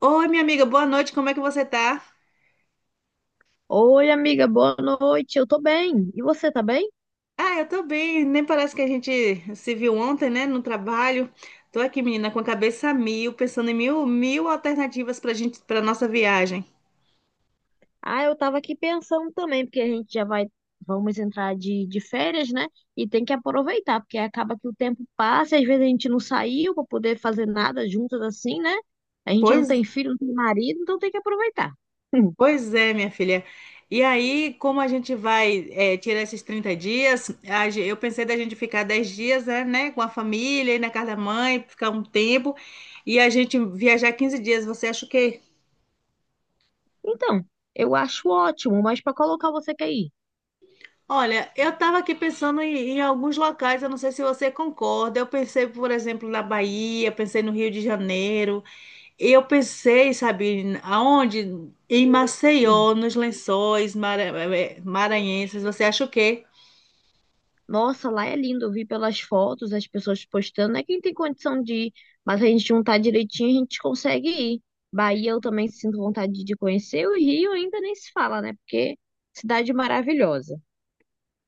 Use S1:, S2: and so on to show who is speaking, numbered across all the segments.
S1: Oi, minha amiga, boa noite, como é que você tá?
S2: Oi, amiga, boa noite. Eu tô bem. E você tá bem?
S1: Ah, eu tô bem, nem parece que a gente se viu ontem, né, no trabalho. Tô aqui, menina, com a cabeça a mil, pensando em mil alternativas pra gente, pra nossa viagem.
S2: Ah, eu tava aqui pensando também, porque a gente já vai, vamos entrar de férias, né? E tem que aproveitar, porque acaba que o tempo passa, e às vezes a gente não saiu pra poder fazer nada juntas assim, né? A gente não
S1: Pois,
S2: tem filho, não tem marido, então tem que aproveitar.
S1: pois é, minha filha. E aí, como a gente vai, tirar esses 30 dias, eu pensei da gente ficar 10 dias, né, com a família, ir na casa da mãe, ficar um tempo, e a gente viajar 15 dias, você acha o quê?
S2: Então, eu acho ótimo, mas pra colocar você quer ir?
S1: Olha, eu estava aqui pensando em alguns locais, eu não sei se você concorda. Eu pensei, por exemplo, na Bahia, pensei no Rio de Janeiro, eu pensei, sabe, aonde? Em
S2: Sim.
S1: Maceió, nos Lençóis Maranhenses. Você acha o quê?
S2: Nossa, lá é lindo. Eu vi pelas fotos, as pessoas postando. É quem tem condição de ir, mas a gente juntar direitinho, a gente consegue ir. Bahia, eu também sinto vontade de conhecer. O Rio ainda nem se fala, né? Porque cidade maravilhosa.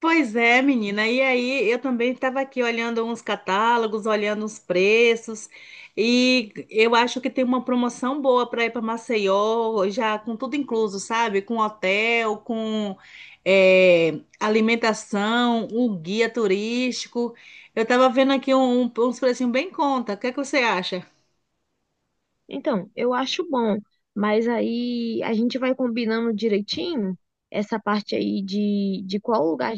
S1: Pois é, menina. E aí, eu também estava aqui olhando uns catálogos, olhando os preços, e eu acho que tem uma promoção boa para ir para Maceió, já com tudo incluso, sabe? Com hotel, com alimentação, o guia turístico. Eu estava vendo aqui uns precinhos bem em conta. O que é que você acha?
S2: Então, eu acho bom, mas aí a gente vai combinando direitinho essa parte aí de qual lugar a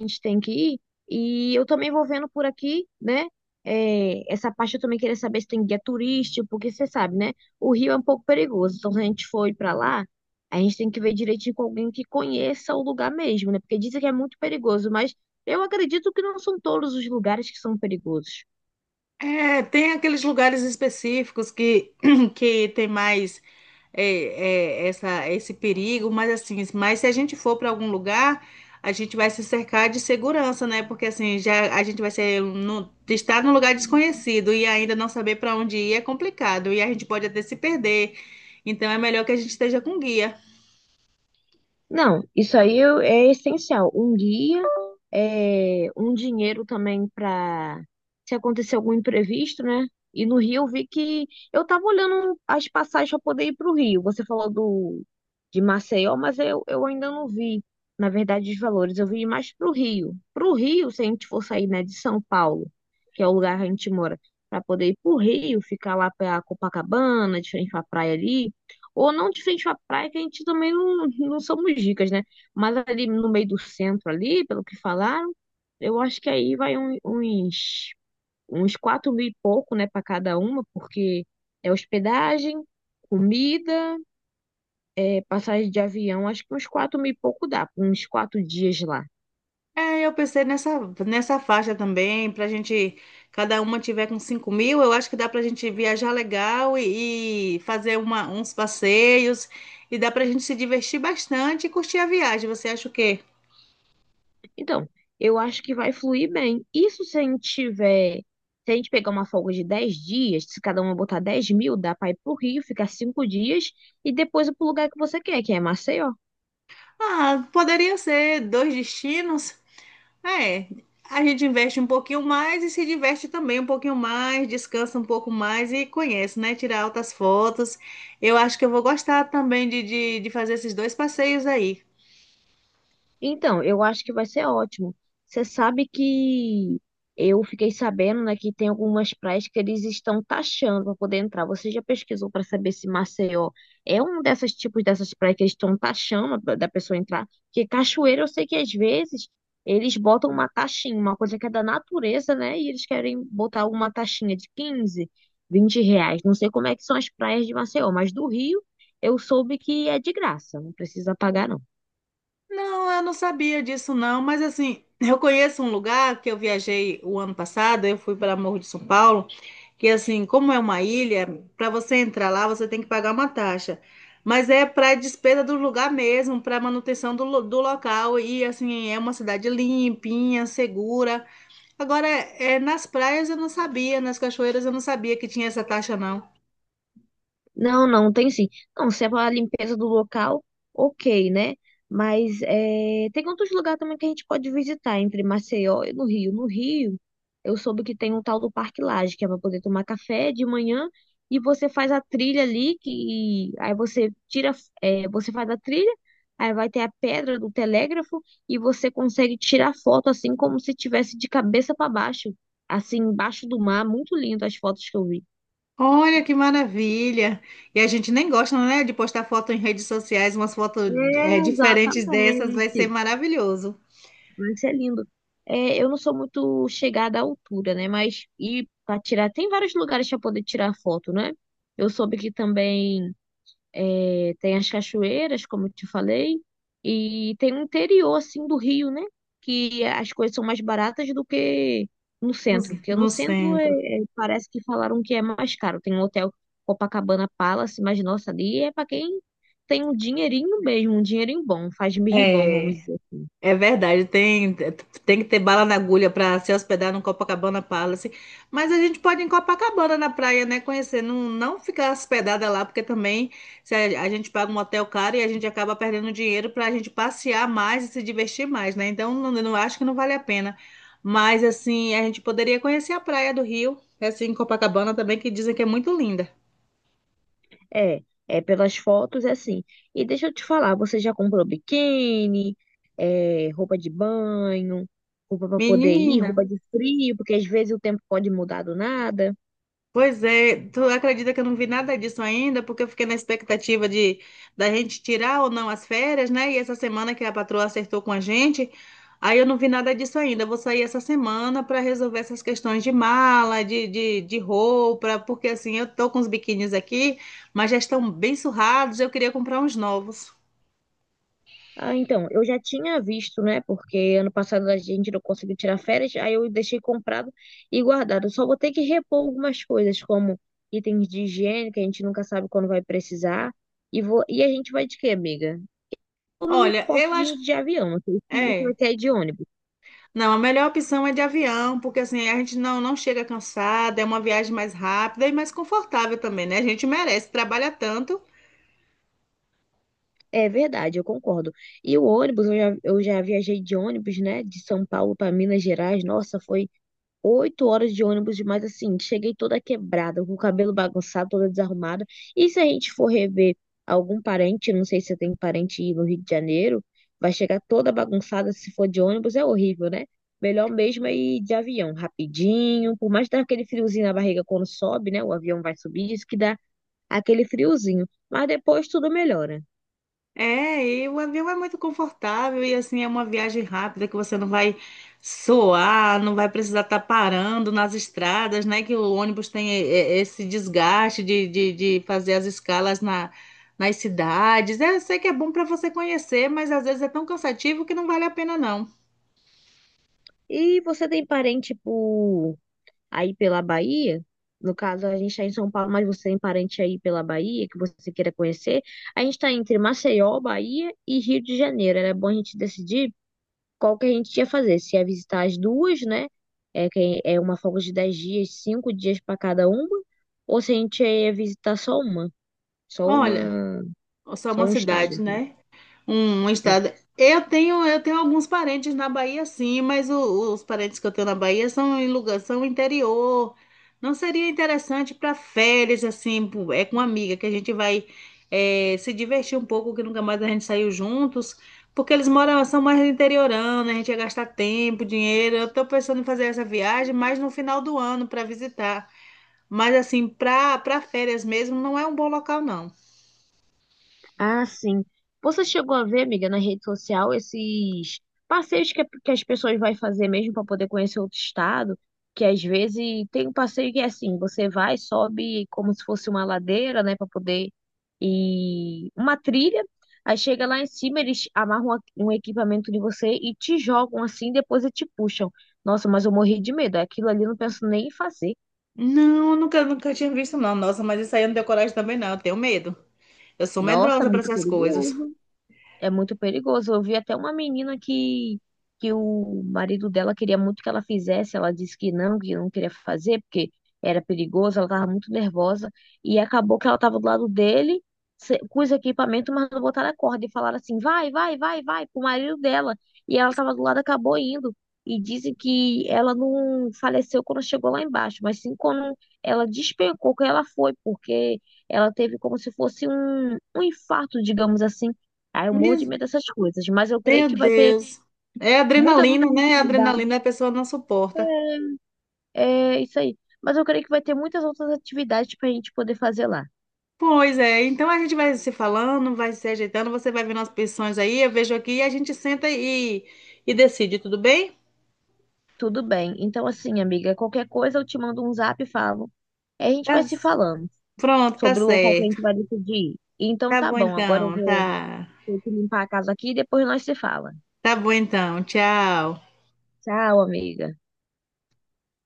S2: a gente tem que ir. E eu também vou vendo por aqui, né? É, essa parte eu também queria saber se tem guia turístico, porque você sabe, né? O Rio é um pouco perigoso. Então, se a gente for ir pra lá, a gente tem que ver direitinho com alguém que conheça o lugar mesmo, né? Porque dizem que é muito perigoso, mas eu acredito que não são todos os lugares que são perigosos.
S1: É, tem aqueles lugares específicos que, que tem mais é, essa, esse perigo, mas assim, mas se a gente for para algum lugar, a gente vai se cercar de segurança, né? Porque assim, já a gente vai ser no, estar num lugar desconhecido e ainda não saber para onde ir é complicado e a gente pode até se perder. Então é melhor que a gente esteja com guia.
S2: Não, isso aí é essencial. Um guia, é, um dinheiro também para se acontecer algum imprevisto, né? E no Rio eu vi que eu tava olhando as passagens para poder ir para o Rio. Você falou do de Maceió, mas eu ainda não vi, na verdade, os valores. Eu vi mais para o Rio. Para o Rio, se a gente for sair, né, de São Paulo, que é o lugar que a gente mora, para poder ir para o Rio, ficar lá para Copacabana, de frente para praia ali. Ou não de frente à praia, que a gente também não, não somos ricas, né? Mas ali no meio do centro, ali, pelo que falaram, eu acho que aí vai uns 4 mil e pouco, né, para cada uma, porque é hospedagem, comida, é passagem de avião, acho que uns 4 mil e pouco dá, uns quatro dias lá.
S1: É, eu pensei nessa faixa também, pra gente, cada uma tiver com 5 mil, eu acho que dá pra gente viajar legal e fazer uns passeios, e dá pra gente se divertir bastante e curtir a viagem. Você acha o quê?
S2: Então, eu acho que vai fluir bem. Isso se a gente tiver. Se a gente pegar uma folga de 10 dias, se cada uma botar 10 mil, dá pra ir pro Rio, ficar 5 dias e depois ir pro lugar que você quer, que é Maceió.
S1: Ah, poderia ser dois destinos. É, a gente investe um pouquinho mais e se diverte também um pouquinho mais, descansa um pouco mais e conhece, né? Tirar altas fotos. Eu acho que eu vou gostar também de fazer esses dois passeios aí.
S2: Então, eu acho que vai ser ótimo. Você sabe que eu fiquei sabendo, né, que tem algumas praias que eles estão taxando para poder entrar. Você já pesquisou para saber se Maceió é um desses tipos dessas praias que eles estão taxando da pessoa entrar? Porque cachoeira, eu sei que às vezes eles botam uma taxinha, uma coisa que é da natureza, né? E eles querem botar uma taxinha de 15, 20 reais. Não sei como é que são as praias de Maceió, mas do Rio eu soube que é de graça, não precisa pagar, não.
S1: Não, eu não sabia disso não, mas assim, eu conheço um lugar que eu viajei o ano passado, eu fui para Morro de São Paulo, que assim, como é uma ilha, para você entrar lá, você tem que pagar uma taxa. Mas é para despesa do lugar mesmo, para manutenção do local e assim, é uma cidade limpinha, segura. Agora, é, nas praias eu não sabia, nas cachoeiras eu não sabia que tinha essa taxa não.
S2: Não, não tem sim. Não, se é para limpeza do local, ok, né? Mas é, tem outros lugares também que a gente pode visitar, entre Maceió e no Rio. No Rio, eu soube que tem um tal do Parque Lage, que é para poder tomar café de manhã e você faz a trilha ali, que aí você tira, é, você faz a trilha, aí vai ter a pedra do telégrafo e você consegue tirar foto assim como se tivesse de cabeça para baixo, assim, embaixo do mar. Muito lindo as fotos que eu vi.
S1: Olha que maravilha! E a gente nem gosta, né, de postar foto em redes sociais, umas fotos
S2: É,
S1: diferentes dessas, vai
S2: exatamente.
S1: ser maravilhoso
S2: Vai ser lindo. É, eu não sou muito chegada à altura, né? Mas e para tirar, tem vários lugares para poder tirar foto, né? Eu soube que também é, tem as cachoeiras, como eu te falei, e tem o interior, assim, do Rio, né? Que as coisas são mais baratas do que no
S1: no,
S2: centro, porque no
S1: no
S2: centro
S1: centro.
S2: parece que falaram que é mais caro. Tem um hotel Copacabana Palace, mas nossa, ali é para quem tem um dinheirinho mesmo, um dinheirinho bom, faz mirribão, vamos
S1: É.
S2: dizer.
S1: É verdade, tem que ter bala na agulha para se hospedar no Copacabana Palace. Mas a gente pode ir em Copacabana na praia, né? Conhecer, não ficar hospedada lá, porque também se a gente paga um hotel caro e a gente acaba perdendo dinheiro para a gente passear mais e se divertir mais, né? Então, não acho que não vale a pena. Mas, assim, a gente poderia conhecer a praia do Rio, assim, em Copacabana também, que dizem que é muito linda.
S2: É, é pelas fotos é assim. E deixa eu te falar, você já comprou biquíni, é, roupa de banho, roupa para poder ir,
S1: Menina.
S2: roupa de frio, porque às vezes o tempo pode mudar do nada.
S1: Pois é, tu acredita que eu não vi nada disso ainda, porque eu fiquei na expectativa de da gente tirar ou não as férias, né? E essa semana que a patroa acertou com a gente, aí eu não vi nada disso ainda. Eu vou sair essa semana para resolver essas questões de mala, de roupa, porque assim, eu tô com os biquínis aqui, mas já estão bem surrados, eu queria comprar uns novos.
S2: Ah, então, eu já tinha visto, né? Porque ano passado a gente não conseguiu tirar férias, aí eu deixei comprado e guardado. Só vou ter que repor algumas coisas, como itens de higiene, que a gente nunca sabe quando vai precisar. E, vou, e a gente vai de quê, amiga? Eu não me
S1: Olha,
S2: importo
S1: eu acho,
S2: de avião, não sei se você
S1: é,
S2: vai querer ir de ônibus.
S1: Não, a melhor opção é de avião, porque assim a gente não chega cansada, é uma viagem mais rápida e mais confortável também, né? A gente merece, trabalha tanto.
S2: É verdade, eu concordo. E o ônibus, eu já viajei de ônibus, né, de São Paulo para Minas Gerais. Nossa, foi 8 horas de ônibus, mas assim, cheguei toda quebrada, com o cabelo bagunçado, toda desarrumada. E se a gente for rever algum parente, não sei se você tem parente aí no Rio de Janeiro, vai chegar toda bagunçada se for de ônibus, é horrível, né? Melhor mesmo é ir de avião, rapidinho, por mais que dá aquele friozinho na barriga quando sobe, né? O avião vai subir, isso que dá aquele friozinho. Mas depois tudo melhora.
S1: É, e o avião é muito confortável e assim é uma viagem rápida que você não vai suar, não vai precisar estar parando nas estradas, né? Que o ônibus tem esse desgaste de fazer as escalas nas cidades. É, eu sei que é bom para você conhecer, mas às vezes é tão cansativo que não vale a pena, não.
S2: E você tem parente por aí pela Bahia? No caso, a gente está em São Paulo, mas você tem parente aí pela Bahia que você queira conhecer? A gente está entre Maceió, Bahia e Rio de Janeiro. Era bom a gente decidir qual que a gente ia fazer. Se ia visitar as duas, né? É, que é uma folga de 10 dias, 5 dias para cada uma. Ou se a gente ia visitar só
S1: Olha,
S2: uma,
S1: só
S2: só
S1: uma
S2: um estado.
S1: cidade,
S2: Assim,
S1: né? Um estado. Eu tenho alguns parentes na Bahia, sim, mas os parentes que eu tenho na Bahia são em lugar, são interior. Não seria interessante para férias, assim, é com uma amiga que a gente vai se divertir um pouco, que nunca mais a gente saiu juntos, porque eles moram, são mais interiorando, a gente ia gastar tempo, dinheiro. Eu tô pensando em fazer essa viagem mais no final do ano para visitar. Mas assim, para para férias mesmo, não é um bom local, não.
S2: ah, sim. Você chegou a ver, amiga, na rede social esses passeios que as pessoas vão fazer mesmo para poder conhecer outro estado? Que às vezes tem um passeio que é assim, você vai, sobe como se fosse uma ladeira, né, para poder ir uma trilha. Aí chega lá em cima, eles amarram um equipamento de você e te jogam assim, depois e te puxam. Nossa, mas eu morri de medo. Aquilo ali eu não penso nem em fazer.
S1: Não, nunca tinha visto, não. Nossa, mas isso aí eu não tenho coragem também, não. Eu tenho medo. Eu sou
S2: Nossa,
S1: medrosa para
S2: muito
S1: essas coisas.
S2: perigoso. É muito perigoso. Eu vi até uma menina que o marido dela queria muito que ela fizesse, ela disse que não queria fazer, porque era perigoso, ela estava muito nervosa, e acabou que ela estava do lado dele, com os equipamentos, mas não botaram a corda, e falaram assim, vai, vai, vai, vai, pro marido dela, e ela estava do lado, acabou indo. E dizem que ela não faleceu quando chegou lá embaixo, mas sim quando ela despencou que ela foi, porque ela teve como se fosse um infarto, digamos assim, ah, eu morro de
S1: Meu
S2: medo dessas coisas, mas eu creio
S1: Meu
S2: que vai ter
S1: Deus. É
S2: muitas outras
S1: adrenalina, né? A
S2: atividades.
S1: Adrenalina a pessoa não suporta.
S2: É isso aí. Mas eu creio que vai ter muitas outras atividades pra gente poder fazer lá.
S1: Pois é, então a gente vai se falando, vai se ajeitando, você vai vendo as pensões aí, eu vejo aqui e a gente senta e decide, tudo bem?
S2: Tudo bem. Então, assim, amiga, qualquer coisa eu te mando um zap e falo. Aí a gente vai
S1: Tá,
S2: se falando
S1: pronto, tá
S2: sobre o local que a
S1: certo.
S2: gente vai decidir ir. Então
S1: Tá
S2: tá
S1: bom
S2: bom, agora eu
S1: então,
S2: vou
S1: tá.
S2: ter que limpar a casa aqui e depois nós se fala.
S1: Tá bom então, tchau.
S2: Tchau, amiga.